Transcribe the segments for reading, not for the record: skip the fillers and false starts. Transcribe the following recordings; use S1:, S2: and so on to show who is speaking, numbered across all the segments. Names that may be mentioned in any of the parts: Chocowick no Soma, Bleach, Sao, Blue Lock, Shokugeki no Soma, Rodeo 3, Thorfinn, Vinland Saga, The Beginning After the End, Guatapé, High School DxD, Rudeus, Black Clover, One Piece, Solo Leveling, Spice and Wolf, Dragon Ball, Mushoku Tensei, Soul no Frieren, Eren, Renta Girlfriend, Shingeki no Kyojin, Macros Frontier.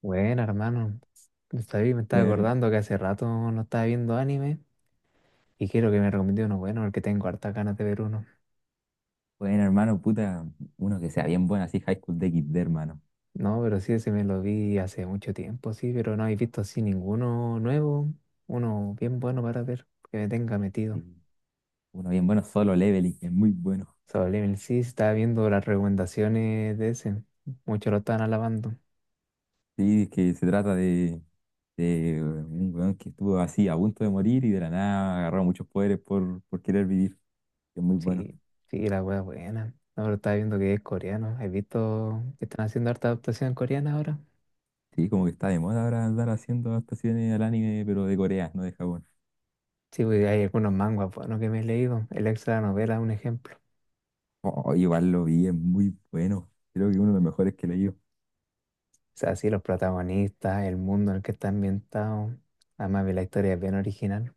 S1: Bueno, hermano, sabí, me estaba
S2: Bueno,
S1: acordando que hace rato no estaba viendo anime y quiero que me recomiende uno bueno porque tengo hartas ganas de ver uno.
S2: bueno, hermano, puta, uno que sea bien bueno, así High School DxD, hermano.
S1: No, pero sí, ese me lo vi hace mucho tiempo, sí, pero no he visto así ninguno nuevo, uno bien bueno para ver, que me tenga
S2: Sí.
S1: metido.
S2: Uno bien bueno, solo leveling, es muy bueno.
S1: Sobre sí, estaba viendo las recomendaciones de ese, muchos lo estaban alabando.
S2: Sí, es que se trata de un weón que estuvo así a punto de morir y de la nada agarró muchos poderes por querer vivir, que es muy bueno.
S1: Sí, sí, la wea buena. No, pero estaba viendo que es coreano. ¿Has visto que están haciendo harta adaptación coreana ahora?
S2: Sí, como que está de moda ahora andar haciendo adaptaciones al anime, pero de Corea, no de Japón.
S1: Sí, pues hay algunos manguas buenos que me he leído. El extra de la novela es un ejemplo.
S2: Oh, igual lo vi, es muy bueno. Creo que uno de los mejores que he leído.
S1: O sea, sí, los protagonistas, el mundo en el que está ambientado. Además, vi la historia es bien original.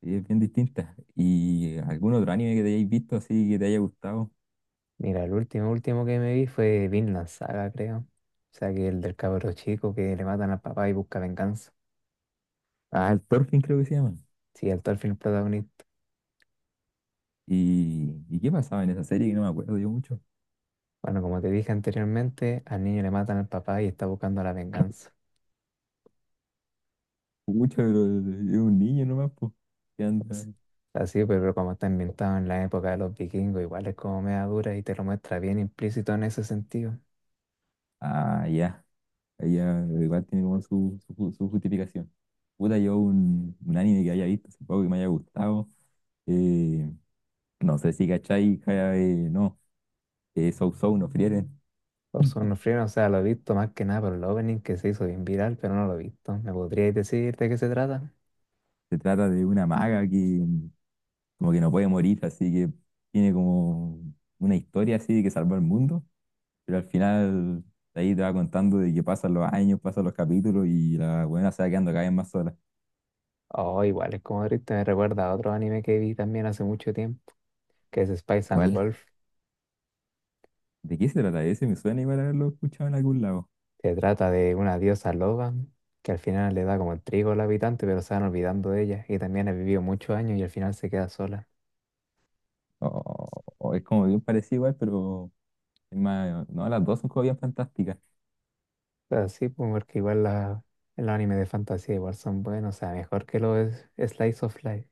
S2: Sí, es bien distinta. ¿Y algún otro anime que te hayáis visto así que te haya gustado?
S1: Mira, el último, último que me vi fue Vinland Saga, creo. O sea, que el del cabro chico que le matan al papá y busca venganza.
S2: Ah, el Thorfinn creo que se llama.
S1: Sí, el tal film protagonista.
S2: ¿Y qué pasaba en esa serie, que no me acuerdo yo mucho?
S1: Bueno, como te dije anteriormente, al niño le matan al papá y está buscando la venganza.
S2: Mucho, pero es un niño nomás, pues. ¿Qué anda?
S1: Entonces, así, pues, pero como está ambientado en la época de los vikingos, igual es como media dura y te lo muestra bien implícito en ese sentido.
S2: Ah, ya. Ella igual tiene como su justificación. Puta, yo un anime que haya visto, supongo que me haya gustado. eh, no sé si cachai, ja, no. Soul no Frieren.
S1: Los Free, o sea, lo he visto más que nada por el opening que se hizo bien viral, pero no lo he visto. ¿Me podríais decir de qué se trata?
S2: Se trata de una maga que como que no puede morir, así que tiene como una historia así de que salvó el mundo. Pero al final, de ahí te va contando de que pasan los años, pasan los capítulos y la buena se va quedando cada vez más sola.
S1: Oh, igual es como triste, me recuerda a otro anime que vi también hace mucho tiempo, que es Spice and
S2: ¿Cuál?
S1: Wolf.
S2: ¿De qué se trata ese? Me suena igual haberlo escuchado en algún lado.
S1: Se trata de una diosa loba que al final le da como el trigo al habitante, pero se van olvidando de ella. Y también ha vivido muchos años y al final se queda sola.
S2: O- o es como bien parecido igual, pero es más, no, las dos son como bien fantásticas.
S1: O sea, sí, pues, porque igual los animes de fantasía igual son buenos, o sea, mejor que los Slice of Life.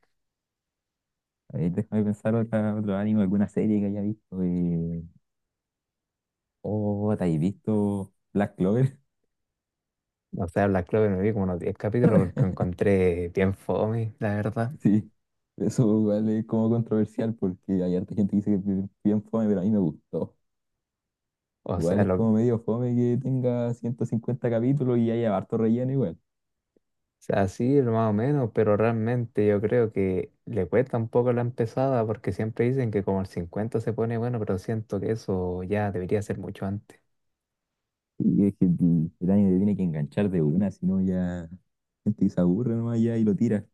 S2: A ver, déjame pensar otro anime, alguna serie que haya visto. Oh, ¿te has visto Black Clover?
S1: O sea, Black Clover me vi como unos 10 capítulos porque encontré bien fome, la verdad.
S2: Sí, eso igual es como controversial porque hay harta gente que dice que es bien fome, pero a mí me gustó.
S1: O
S2: Igual
S1: sea,
S2: es
S1: lo, o
S2: como medio fome que tenga 150 capítulos y haya harto relleno igual.
S1: sea, sí, lo más o menos, pero realmente yo creo que le cuesta un poco la empezada porque siempre dicen que como el 50 se pone bueno, pero siento que eso ya debería ser mucho antes.
S2: Y es que el anime te tiene que enganchar de una, si no ya la gente se aburre nomás ya y lo tira.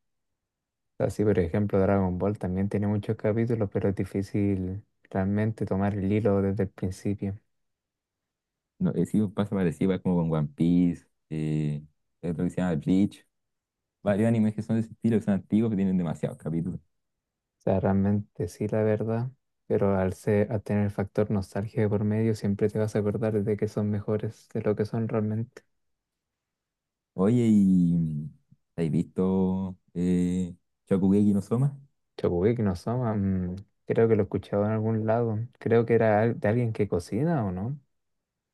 S1: Así, por ejemplo, Dragon Ball también tiene muchos capítulos, pero es difícil realmente tomar el hilo desde el principio.
S2: No, sí, pasa parecido, igual como con One Piece. Eh, hay otro que se llama Bleach, varios animes que son de ese estilo, que son antiguos, que tienen demasiados capítulos.
S1: Sea, realmente sí, la verdad, pero al ser, al tener el factor nostalgia de por medio, siempre te vas a acordar de que son mejores de lo que son realmente.
S2: Oye, ¿y habéis visto Shokugeki no Soma?
S1: Chocowick no Soma, creo que lo escuchaba en algún lado. Creo que era al- de alguien que cocina o no.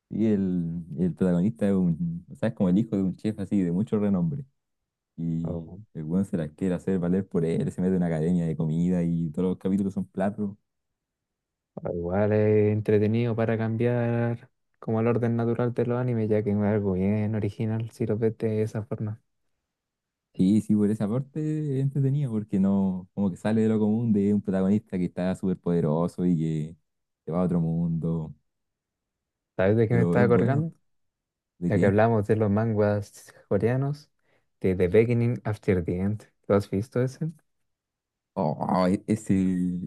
S2: Y el protagonista es un, o sea, es como el hijo de un chef así, de mucho renombre.
S1: O,
S2: Y el weón se las quiere hacer valer por él, se mete en una academia de comida y todos los capítulos son platos.
S1: o igual es entretenido para cambiar como el orden natural de los animes, ya que es algo bien original si lo ves de esa forma.
S2: Sí, sí, por esa parte es entretenido, porque no, como que sale de lo común de un protagonista que está súper poderoso y que se va a otro mundo.
S1: ¿Sabes de qué me
S2: Pero
S1: estaba
S2: es bueno,
S1: acordando?
S2: ¿de
S1: Ya que
S2: qué?
S1: hablamos de los manguas coreanos, de The Beginning After the End. ¿Lo has visto ese?
S2: Oh, e- ese,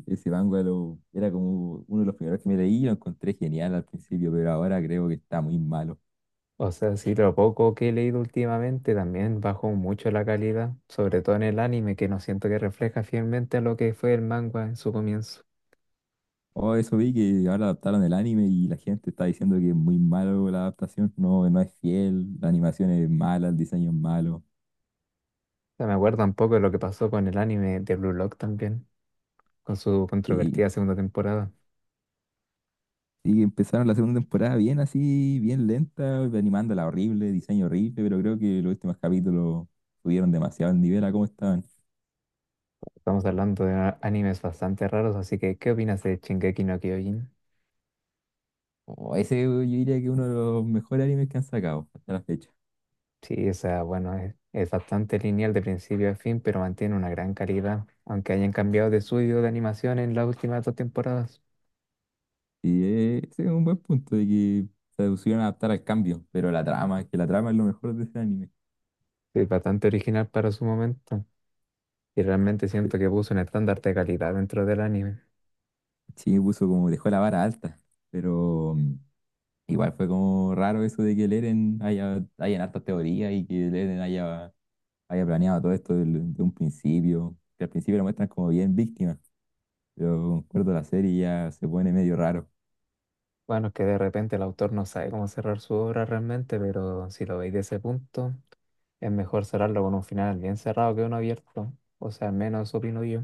S2: ese manga lo- era como uno de los primeros que me leí, lo encontré genial al principio, pero ahora creo que está muy malo.
S1: O sea, sí, lo poco que he leído últimamente también bajó mucho la calidad, sobre todo en el anime, que no siento que refleja fielmente a lo que fue el manga en su comienzo. O
S2: Oh, eso vi que ahora adaptaron el anime y la gente está diciendo que es muy malo la adaptación, no, no es fiel, la animación es mala, el diseño es malo.
S1: sea, me acuerdo un poco de lo que pasó con el anime de Blue Lock también, con su
S2: Sí,
S1: controvertida segunda temporada.
S2: sí, empezaron la segunda temporada bien así, bien lenta, animándola horrible, diseño horrible, pero creo que los últimos capítulos subieron demasiado el nivel a cómo estaban.
S1: Estamos hablando de animes bastante raros, así que ¿qué opinas de Shingeki no Kyojin?
S2: Oh, ese yo diría que es uno de los mejores animes que han sacado hasta la fecha.
S1: Sí, o sea, bueno, es bastante lineal de principio a fin, pero mantiene una gran calidad, aunque hayan cambiado de estudio de animación en las últimas dos temporadas.
S2: Y ese es un buen punto de que se pusieron a adaptar al cambio, pero la trama, es que la trama es lo mejor de ese anime.
S1: Es bastante original para su momento. Y realmente siento que puso un estándar de calidad dentro del anime.
S2: Sí, me puso como dejó la vara alta, pero igual fue como raro eso de que hayan hartas teorías y que el Eren haya planeado todo esto del- de un principio, que al principio lo muestran como bien víctima, pero acuerdo la serie ya se pone medio raro.
S1: Bueno, es que de repente el autor no sabe cómo cerrar su obra realmente, pero si lo veis de ese punto, es mejor cerrarlo con un final bien cerrado que uno abierto. O sea, al menos opino yo.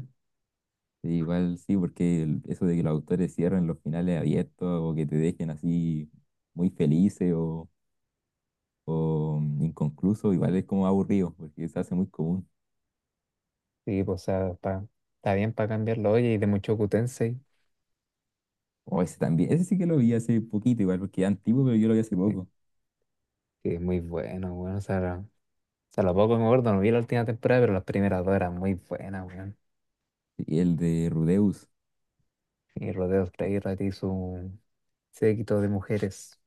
S2: Sí, igual sí, porque el- eso de que los autores cierren los finales abiertos o que te dejen así muy felices o inconcluso, igual es como aburrido, porque se hace muy común.
S1: Sí, pues, está bien para cambiarlo. Oye, y de Mushoku Tensei,
S2: O ese también, ese sí que lo vi hace poquito, igual porque es antiguo, pero yo lo vi hace
S1: que,
S2: poco.
S1: que es muy bueno, bueno. O sea, lo poco que me acuerdo, no vi la última temporada, pero las primeras dos eran muy buenas, weón.
S2: Y el de Rudeus.
S1: Y Rodeo 3 y su séquito de mujeres.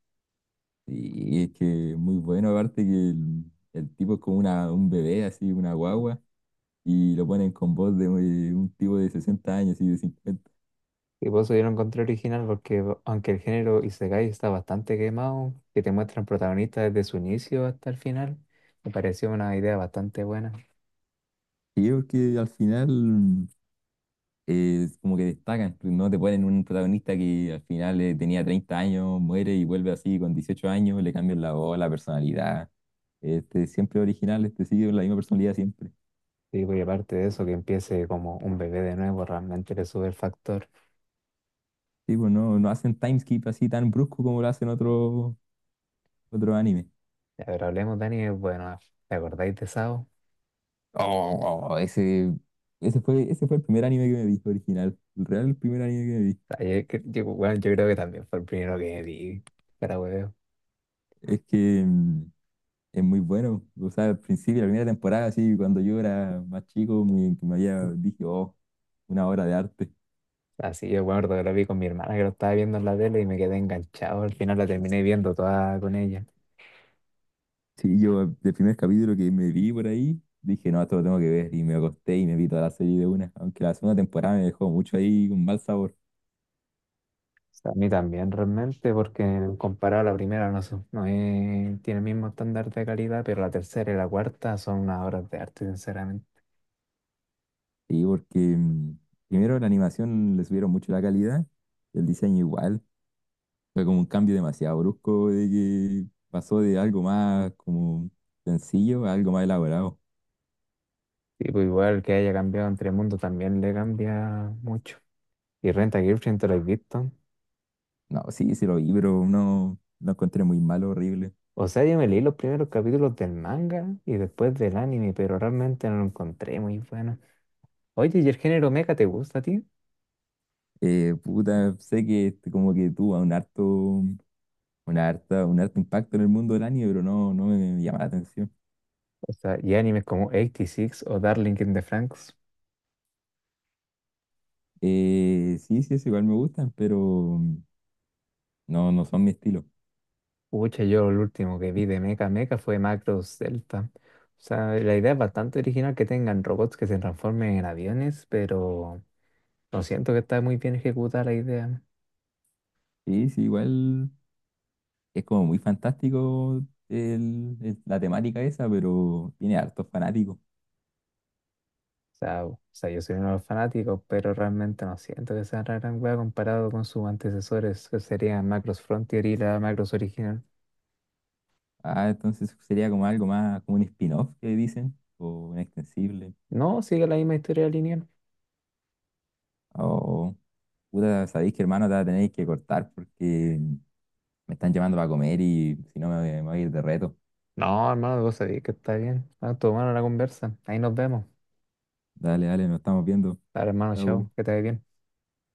S2: Y es que es muy bueno, aparte que el tipo es como un bebé, así, una guagua, y lo ponen con voz de un tipo de 60 años y de 50.
S1: Y por eso yo lo encontré original, porque aunque el género Isekai está bastante quemado, que te muestran protagonistas desde su inicio hasta el final, me pareció una idea bastante buena.
S2: Sí, porque al final es como que destacan, pues, no te ponen un protagonista que al final tenía 30 años, muere y vuelve así con 18 años, le cambian la voz, la personalidad. Este siempre original, este sigue con la misma personalidad siempre.
S1: Digo y aparte de eso, que empiece como un bebé de nuevo, realmente le sube el factor.
S2: Sí, pues no, no hacen timeskip así tan brusco como lo hacen otro anime.
S1: Y a ver, hablemos, Dani, bueno, ¿te acordáis de Sao?
S2: Oh, oh, ese, ese fue, ese fue el primer anime que me vi original. El real primer anime que me vi.
S1: Ah, bueno, yo creo que también fue el primero que vi, para hueveo.
S2: Es que es muy bueno. O sea, al principio, la primera temporada, así, cuando yo era más chico, me, que me había, dije, oh, una obra de arte.
S1: Así yo me acuerdo que lo vi con mi hermana que lo estaba viendo en la tele y me quedé enganchado. Al final la terminé viendo toda con ella.
S2: Sí, yo el primer capítulo que me vi por ahí, dije, no, esto lo tengo que ver. Y me acosté y me vi toda la serie de una. Aunque la segunda temporada me dejó mucho ahí con mal sabor.
S1: Pues, a mí también realmente, porque comparado a la primera no, tiene el mismo estándar de calidad, pero la tercera y la cuarta son unas obras de arte, sinceramente.
S2: Sí, porque primero la animación le subieron mucho la calidad, el diseño igual. Fue como un cambio demasiado brusco de que pasó de algo más como sencillo a algo más elaborado.
S1: Sí, pues igual que haya cambiado entre mundo también le cambia mucho. Y Renta Girlfriend, ¿te lo has visto?
S2: No, sí, se lo vi, pero no lo encontré muy malo, horrible.
S1: O sea, yo me leí los primeros capítulos del manga y después del anime, pero realmente no lo encontré muy bueno. Oye, ¿y el género mecha te gusta a ti?
S2: Puta, sé que este como que tuvo un harto impacto en el mundo del anime, pero no, no me llama la atención.
S1: O sea, ¿y animes como 86 o Darling in the Franxx?
S2: Sí, sí, es igual me gustan, pero no, no son mi estilo.
S1: Pucha, yo lo último que vi de Mecha Mecha fue Macros Delta. O sea, la idea es bastante original que tengan robots que se transformen en aviones, pero no siento que está muy bien ejecutada la idea.
S2: Sí, sí, igual es como muy fantástico la temática esa, pero tiene hartos fanáticos.
S1: O sea, yo soy uno de los fanáticos, pero realmente no siento que sea una gran wea comparado con sus antecesores, que serían Macros Frontier y la Macros original.
S2: Ah, entonces sería como algo más, como un spin-off que dicen, o un extensible.
S1: No, sigue la misma historia lineal.
S2: O, puta, sabéis que hermano, te va a tener que cortar porque me están llamando para comer y si no me, voy me voy a ir de reto.
S1: No, hermano, vos sabés que está bien. Ah, tomaron la conversa. Ahí nos vemos.
S2: Dale, dale, nos estamos viendo.
S1: Dale, hermano,
S2: Chau.
S1: chao, que te vaya bien.